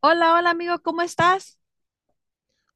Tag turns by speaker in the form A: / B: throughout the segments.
A: Hola, hola amigo, ¿cómo estás?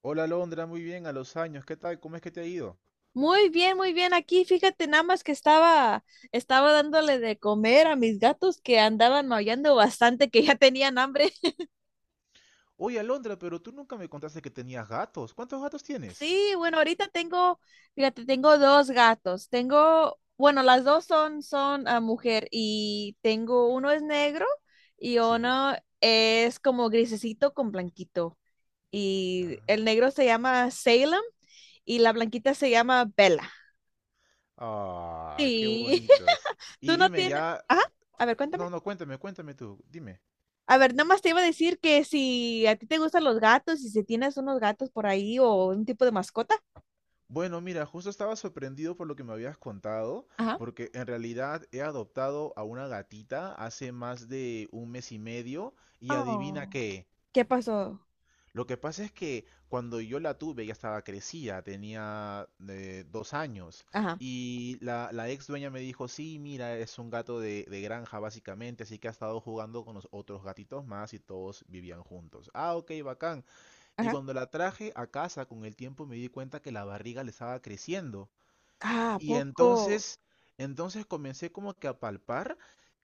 B: Hola Alondra, muy bien, a los años, ¿qué tal? ¿Cómo es que te ha ido?
A: Muy bien, muy bien. Aquí, fíjate, nada más que estaba dándole de comer a mis gatos que andaban maullando bastante, que ya tenían hambre.
B: Oye Alondra, pero tú nunca me contaste que tenías gatos. ¿Cuántos gatos tienes?
A: Sí, bueno, ahorita tengo, fíjate, tengo dos gatos. Tengo, bueno, las dos son, son mujer y tengo uno es negro y
B: Sí.
A: uno es como grisecito con blanquito. Y
B: Ah.
A: el negro se llama Salem y la blanquita se llama Bella.
B: Ah, qué
A: Sí.
B: bonitos.
A: Tú
B: Y
A: no
B: dime
A: tienes.
B: ya,
A: Ajá. A ver, cuéntame.
B: no, no, cuéntame, cuéntame tú, dime.
A: A ver, nomás te iba a decir que si a ti te gustan los gatos y si tienes unos gatos por ahí o un tipo de mascota.
B: Bueno, mira, justo estaba sorprendido por lo que me habías contado,
A: Ajá.
B: porque en realidad he adoptado a una gatita hace más de un mes y medio y adivina
A: Oh,
B: qué.
A: ¿qué pasó?
B: Lo que pasa es que cuando yo la tuve ya estaba crecida, tenía 2 años
A: Ajá,
B: y la ex dueña me dijo, sí, mira, es un gato de granja básicamente, así que ha estado jugando con los otros gatitos más y todos vivían juntos. Ah, ok, bacán. Y
A: ajá.
B: cuando la traje a casa con el tiempo me di cuenta que la barriga le estaba creciendo.
A: Ah, ¿a
B: Y
A: poco?
B: entonces, entonces comencé como que a palpar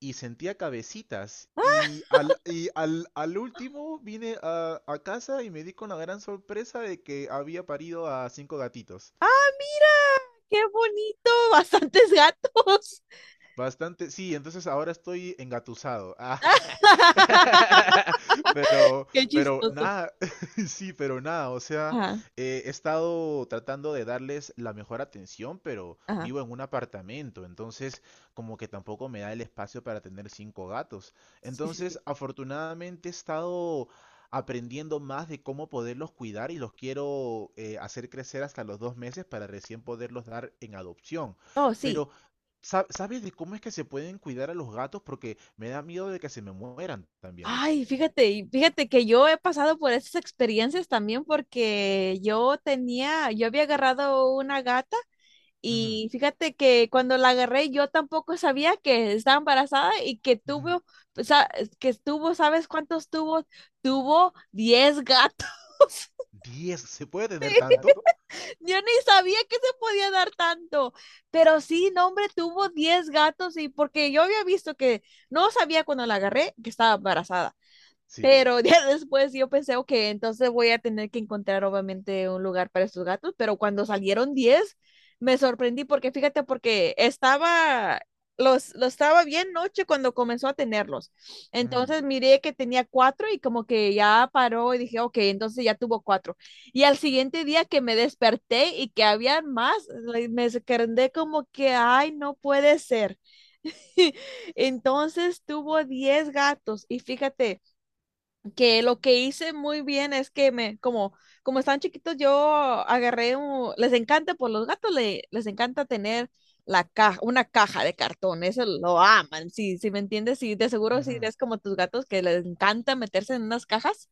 B: y sentía cabecitas.
A: ¡Ah!
B: Al último vine a casa y me di con la gran sorpresa de que había parido a cinco gatitos.
A: ¡Ah, mira! ¡Qué bonito! Bastantes gatos.
B: Bastante, sí, entonces ahora estoy engatusado. Ah. Pero,
A: Qué
B: pero
A: chistoso.
B: nada, sí, pero nada, o sea,
A: Ajá,
B: he estado tratando de darles la mejor atención, pero
A: ajá.
B: vivo en un apartamento, entonces como que tampoco me da el espacio para tener cinco gatos.
A: Sí, sí,
B: Entonces,
A: sí.
B: afortunadamente he estado aprendiendo más de cómo poderlos cuidar y los quiero hacer crecer hasta los 2 meses para recién poderlos dar en adopción.
A: Oh, sí.
B: Pero ¿sabes de cómo es que se pueden cuidar a los gatos? Porque me da miedo de que se me mueran también.
A: Ay, fíjate, y fíjate que yo he pasado por esas experiencias también porque yo tenía, yo había agarrado una gata
B: Ujú,
A: y fíjate que cuando la agarré yo tampoco sabía que estaba embarazada y que
B: ujú,
A: tuvo, o sea, que estuvo, ¿sabes cuántos tuvo? Tuvo 10 gatos.
B: 10, ¿se puede tener tanto?
A: Yo ni sabía que se podía dar tanto, pero sí, no, hombre, tuvo 10 gatos y porque yo había visto que no sabía cuando la agarré que estaba embarazada.
B: Sí.
A: Pero ya después yo pensé, ok, entonces voy a tener que encontrar obviamente un lugar para estos gatos, pero cuando salieron 10 me sorprendí porque fíjate, porque estaba, los estaba bien noche cuando comenzó a tenerlos.
B: Ujú,
A: Entonces miré que tenía cuatro y como que ya paró y dije, ok, entonces ya tuvo cuatro. Y al siguiente día que me desperté y que habían más, me quedé como que, ay, no puede ser. Entonces tuvo 10 gatos y fíjate que lo que hice muy bien es que me, como, como estaban chiquitos, yo agarré un, les encanta, pues los gatos les encanta tener la caja, una caja de cartón, eso lo aman, si, si me entiendes, sí, de seguro si
B: ujú.
A: eres como tus gatos que les encanta meterse en unas cajas.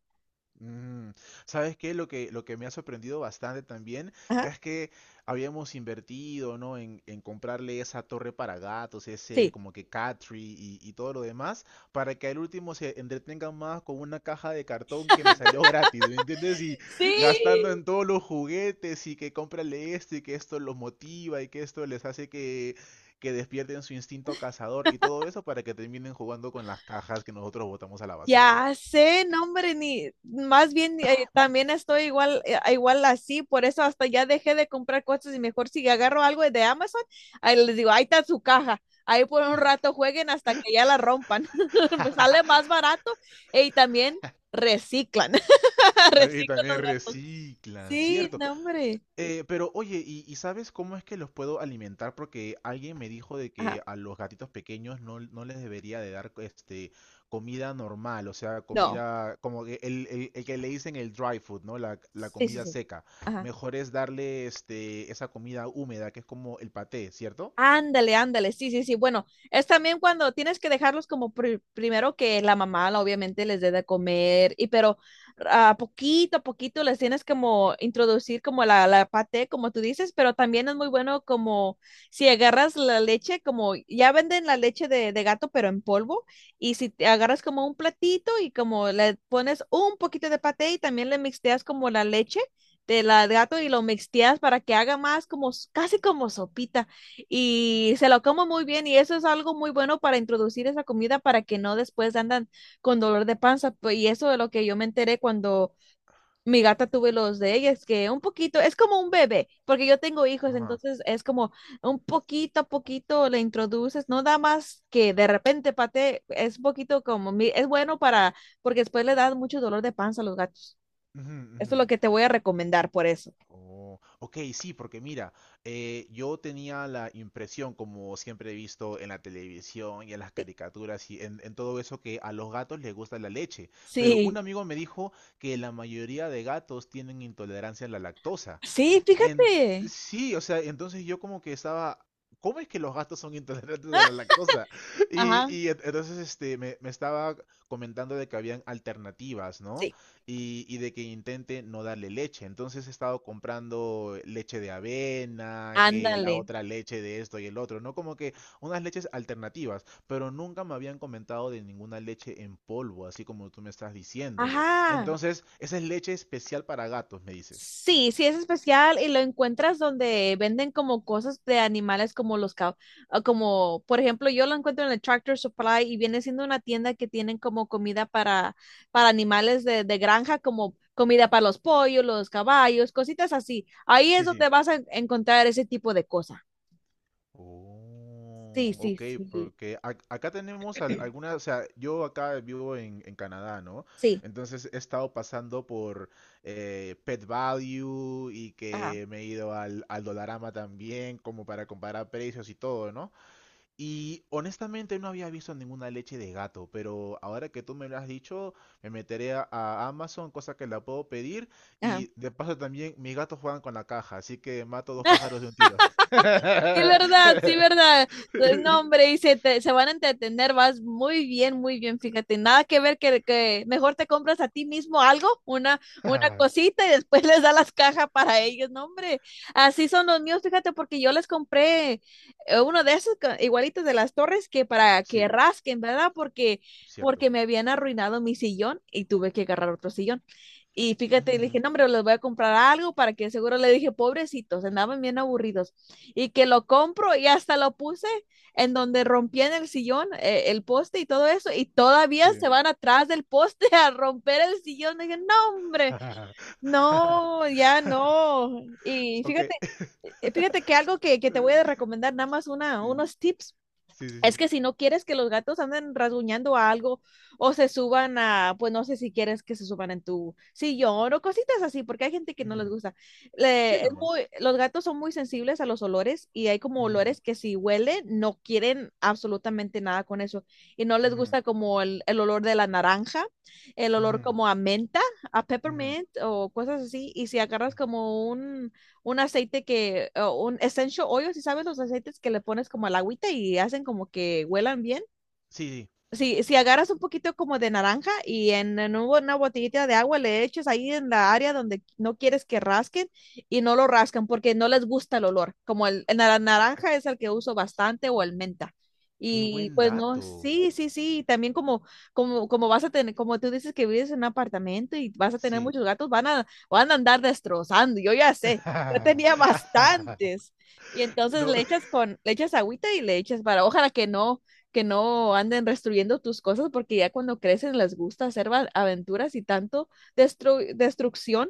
B: Mm, ¿Sabes qué? Lo que me ha sorprendido bastante también
A: Ajá.
B: es que habíamos invertido, ¿no? En comprarle esa torre para gatos, ese
A: Sí.
B: como que cat tree y todo lo demás, para que al último se entretengan más con una caja de cartón que me salió gratis, ¿me entiendes? Y gastando
A: Sí,
B: en todos los juguetes y que cómprale esto y que esto los motiva y que esto les hace que despierten su instinto cazador y todo eso para que terminen jugando con las cajas que nosotros botamos a la basura.
A: ya sé, no hombre, ni más bien también estoy igual, igual así, por eso hasta ya dejé de comprar cosas y mejor si agarro algo de Amazon, ahí les digo, ahí está su caja, ahí por un rato jueguen hasta que ya la rompan. Pues sale más barato y también reciclan,
B: También,
A: reciclan
B: también
A: los gatos.
B: reciclan,
A: Sí,
B: cierto.
A: no hombre,
B: Pero oye, ¿y sabes cómo es que los puedo alimentar? Porque alguien me dijo de
A: ajá,
B: que a los gatitos pequeños no, no les debería de dar este comida normal, o sea,
A: no,
B: comida como que el que le dicen el dry food, ¿no? La
A: sí, sí,
B: comida
A: sí,
B: seca.
A: ajá.
B: Mejor es darle este esa comida húmeda que es como el paté, ¿cierto?
A: Ándale, ándale, sí, sí, sí. Bueno, es también cuando tienes que dejarlos como primero que la mamá, obviamente, les dé de comer, y pero a poquito les tienes como introducir como la paté, como tú dices, pero también es muy bueno como si agarras la leche, como ya venden la leche de gato, pero en polvo, y si te agarras como un platito y como le pones un poquito de paté y también le mixteas como la leche de la de gato y lo mixteas para que haga más como casi como sopita y se lo como muy bien y eso es algo muy bueno para introducir esa comida para que no después andan con dolor de panza. Pues, y eso de lo que yo me enteré cuando mi gata tuve los de ella, es que un poquito, es como un bebé, porque yo tengo hijos,
B: Ajá.
A: entonces es como un poquito a poquito le introduces, no da más que de repente pate, es un poquito como, es bueno para, porque después le da mucho dolor de panza a los gatos.
B: Ujú,
A: Esto es
B: ujú.
A: lo que te voy a recomendar por eso.
B: Oh, ok, sí, porque mira, yo tenía la impresión, como siempre he visto en la televisión y en las
A: Sí,
B: caricaturas y en todo eso, que a los gatos les gusta la leche. Pero un
A: sí,
B: amigo me dijo que la mayoría de gatos tienen intolerancia a la lactosa.
A: sí,
B: En,
A: fíjate.
B: sí, o sea, entonces yo como que estaba, ¿cómo es que los gatos son intolerantes a la lactosa? Y,
A: Ajá,
B: y en- entonces este, me estaba comentando de que habían alternativas, ¿no?
A: sí,
B: Y de que intente no darle leche. Entonces he estado comprando leche de avena, que la
A: ándale.
B: otra leche de esto y el otro, ¿no? Como que unas leches alternativas, pero nunca me habían comentado de ninguna leche en polvo, así como tú me estás diciendo.
A: Ajá.
B: Entonces, esa es leche especial para gatos, me dices.
A: Sí, sí es especial y lo encuentras donde venden como cosas de animales como los como por ejemplo yo lo encuentro en el Tractor Supply y viene siendo una tienda que tienen como comida para animales de granja como comida para los pollos, los caballos, cositas así. Ahí es
B: Sí, sí.
A: donde vas a encontrar ese tipo de cosas. Sí,
B: Oh,
A: sí,
B: ok,
A: sí.
B: porque acá tenemos algunas, o sea, yo acá vivo en Canadá, ¿no?
A: Sí.
B: Entonces he estado pasando por Pet Value y
A: Ajá.
B: que me he ido al Dollarama también, como para comparar precios y todo, ¿no? Y honestamente no había visto ninguna leche de gato, pero ahora que tú me lo has dicho, me meteré a Amazon, cosa que la puedo pedir,
A: Ajá.
B: y de paso también mis gatos juegan con la caja, así que mato dos pájaros de un tiro.
A: Sí, verdad, sí, verdad. No, hombre, y se, se van a entretener, vas muy bien, fíjate, nada que ver que mejor te compras a ti mismo algo, una cosita y después les da las cajas para ellos, no, hombre, así son los míos, fíjate, porque yo les compré uno de esos igualitos de las torres que para
B: Sí,
A: que rasquen, ¿verdad? Porque,
B: cierto.
A: porque me habían arruinado mi sillón y tuve que agarrar otro sillón. Y fíjate, le
B: Ujú.
A: dije, no, hombre, les voy a comprar algo para que seguro le dije, pobrecitos, andaban bien aburridos. Y que lo compro y hasta lo puse en donde rompían el sillón, el poste y todo eso, y todavía se
B: Sí.
A: van atrás del poste a romper el sillón. Dije, no, hombre, no, ya no. Y
B: Ok.
A: fíjate, fíjate que algo que te voy a recomendar, nada más una, unos tips
B: Sí, sí, sí.
A: es
B: Sí.
A: que si no quieres que los gatos anden rasguñando a algo o se suban a, pues no sé si quieres que se suban en tu sillón o cositas así, porque hay gente que no les
B: Ujú,
A: gusta.
B: sí, normal.
A: Los gatos son muy sensibles a los olores y hay como
B: Ujú,
A: olores que si huelen no quieren absolutamente nada con eso y no les
B: ujú,
A: gusta como el olor de la naranja, el olor
B: ujú,
A: como a menta, a
B: ujú.
A: peppermint o cosas así. Y si agarras como un aceite que, o un essential oil, si sabes los aceites que le pones como al agüita y hacen como que huelan bien
B: Sí, sí. Sí.
A: si, si agarras un poquito como de naranja y en una botellita de agua le echas ahí en la área donde no quieres que rasquen y no lo rascan porque no les gusta el olor. Como el naranja es el que uso bastante o el menta.
B: Qué
A: Y
B: buen
A: pues no,
B: dato.
A: sí, sí, sí, también como, como, como vas a tener, como tú dices que vives en un apartamento y vas a tener
B: Sí.
A: muchos gatos, van a, van a andar destrozando, yo ya sé, yo tenía bastantes. Y entonces
B: No.
A: le echas con, le echas agüita y le echas para, ojalá que no anden destruyendo tus cosas porque ya cuando crecen les gusta hacer aventuras y tanto destrucción.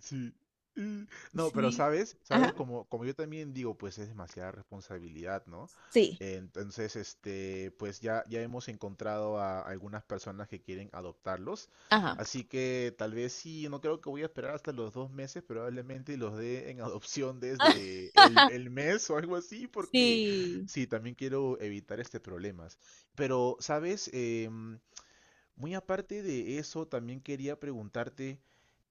B: Sí. Mm. No, pero
A: Sí.
B: sabes, sabes,
A: Ajá.
B: como, como yo también digo, pues es demasiada responsabilidad, ¿no?
A: Sí.
B: Entonces, este, pues ya, ya hemos encontrado a algunas personas que quieren adoptarlos.
A: Ajá.
B: Así que tal vez sí, no creo que voy a esperar hasta los 2 meses, probablemente los dé en adopción desde el mes o algo así, porque
A: Sí.
B: sí, también quiero evitar este problemas. Pero, ¿sabes? Muy aparte de eso, también quería preguntarte,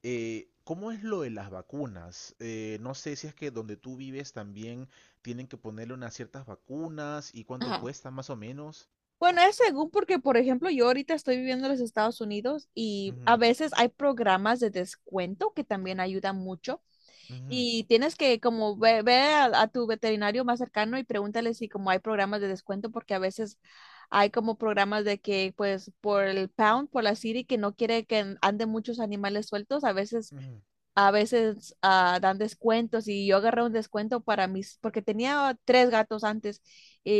B: ¿cómo es lo de las vacunas? No sé si es que donde tú vives también tienen que ponerle unas ciertas vacunas y cuánto
A: Ajá.
B: cuesta más o menos.
A: Bueno, es según porque, por ejemplo, yo ahorita estoy viviendo en los Estados Unidos y a
B: Ujú,
A: veces hay programas de descuento que también ayudan mucho.
B: ujú,
A: Y tienes que como ve, ve a tu veterinario más cercano y pregúntale si como hay programas de descuento, porque a veces hay como programas de que pues por el pound, por la city, que no quiere que anden muchos animales sueltos, a veces,
B: ujú,
A: a veces dan descuentos y yo agarré un descuento para mis, porque tenía 3 gatos antes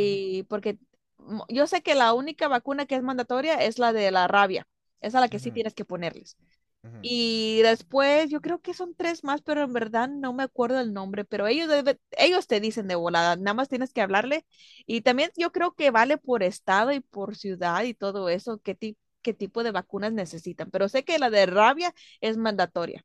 B: ujú,
A: porque yo sé que la única vacuna que es mandatoria es la de la rabia, esa es la que sí
B: ujú,
A: tienes que ponerles.
B: ujú.
A: Y después, yo creo que son tres más, pero en verdad no me acuerdo el nombre, pero ellos, ellos te dicen de volada, nada más tienes que hablarle. Y también yo creo que vale por estado y por ciudad y todo eso, qué, qué tipo de vacunas necesitan. Pero sé que la de rabia es mandatoria.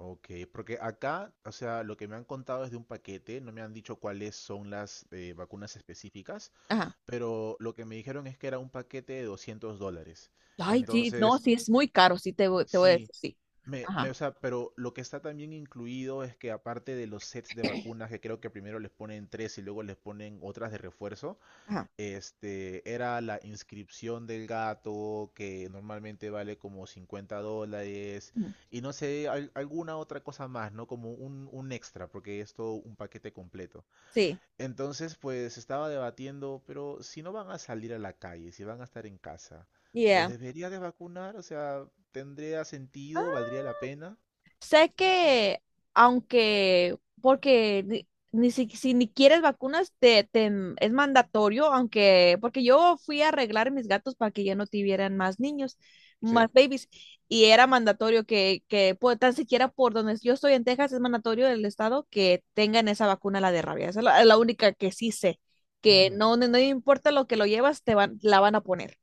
B: Ok, porque acá, o sea, lo que me han contado es de un paquete, no me han dicho cuáles son las vacunas específicas,
A: Ajá.
B: pero lo que me dijeron es que era un paquete de $200.
A: Ay, sí, no,
B: Entonces,
A: sí, es muy caro, sí, te, te voy a decir,
B: sí,
A: sí. Ajá,
B: O sea, pero lo que está también incluido es que aparte de los sets de vacunas, que creo que primero les ponen tres y luego les ponen otras de refuerzo,
A: ajá.
B: este, era la inscripción del gato, que normalmente vale como $50,
A: Ujú,
B: y no sé, alguna otra cosa más, ¿no? Como un extra, porque es todo un paquete completo.
A: sí,
B: Entonces, pues estaba debatiendo, pero si no van a salir a la calle, si van a estar en casa, ¿los
A: yeah.
B: debería de vacunar? O sea, ¿tendría sentido? ¿Valdría la pena?
A: Sé que, aunque, porque ni, ni si, si ni quieres vacunas, te, es mandatorio, aunque, porque yo fui a arreglar mis gatos para que ya no tuvieran más niños,
B: Sí.
A: más babies, y era mandatorio que pues, tan siquiera por donde yo estoy en Texas, es mandatorio del estado que tengan esa vacuna, la de rabia. Esa es la única que sí sé, que
B: Ujú.
A: no, no, no importa lo que lo llevas, te van, la van a poner.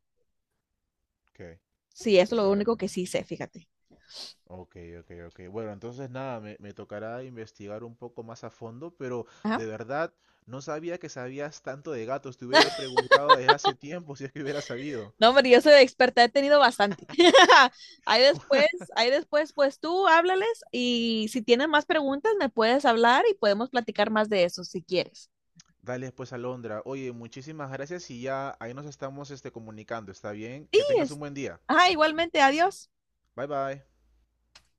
B: Ok,
A: Sí, eso es lo
B: está
A: único
B: bien.
A: que sí sé, fíjate.
B: Ok, ok, ok. Bueno, entonces nada, me tocará investigar un poco más a fondo, pero de
A: Ajá.
B: verdad no sabía que sabías tanto de gatos. Te hubiera preguntado desde hace tiempo si es que hubiera sabido.
A: No, hombre, yo soy experta, he tenido bastante. Ahí después, ahí después, pues tú háblales y si tienes más preguntas me puedes hablar y podemos platicar más de eso si quieres.
B: Dale pues, Alondra. Oye, muchísimas gracias y ya ahí nos estamos este, comunicando. ¿Está bien?
A: Sí,
B: Que tengas un
A: es.
B: buen día.
A: Ah, igualmente, adiós.
B: Bye bye.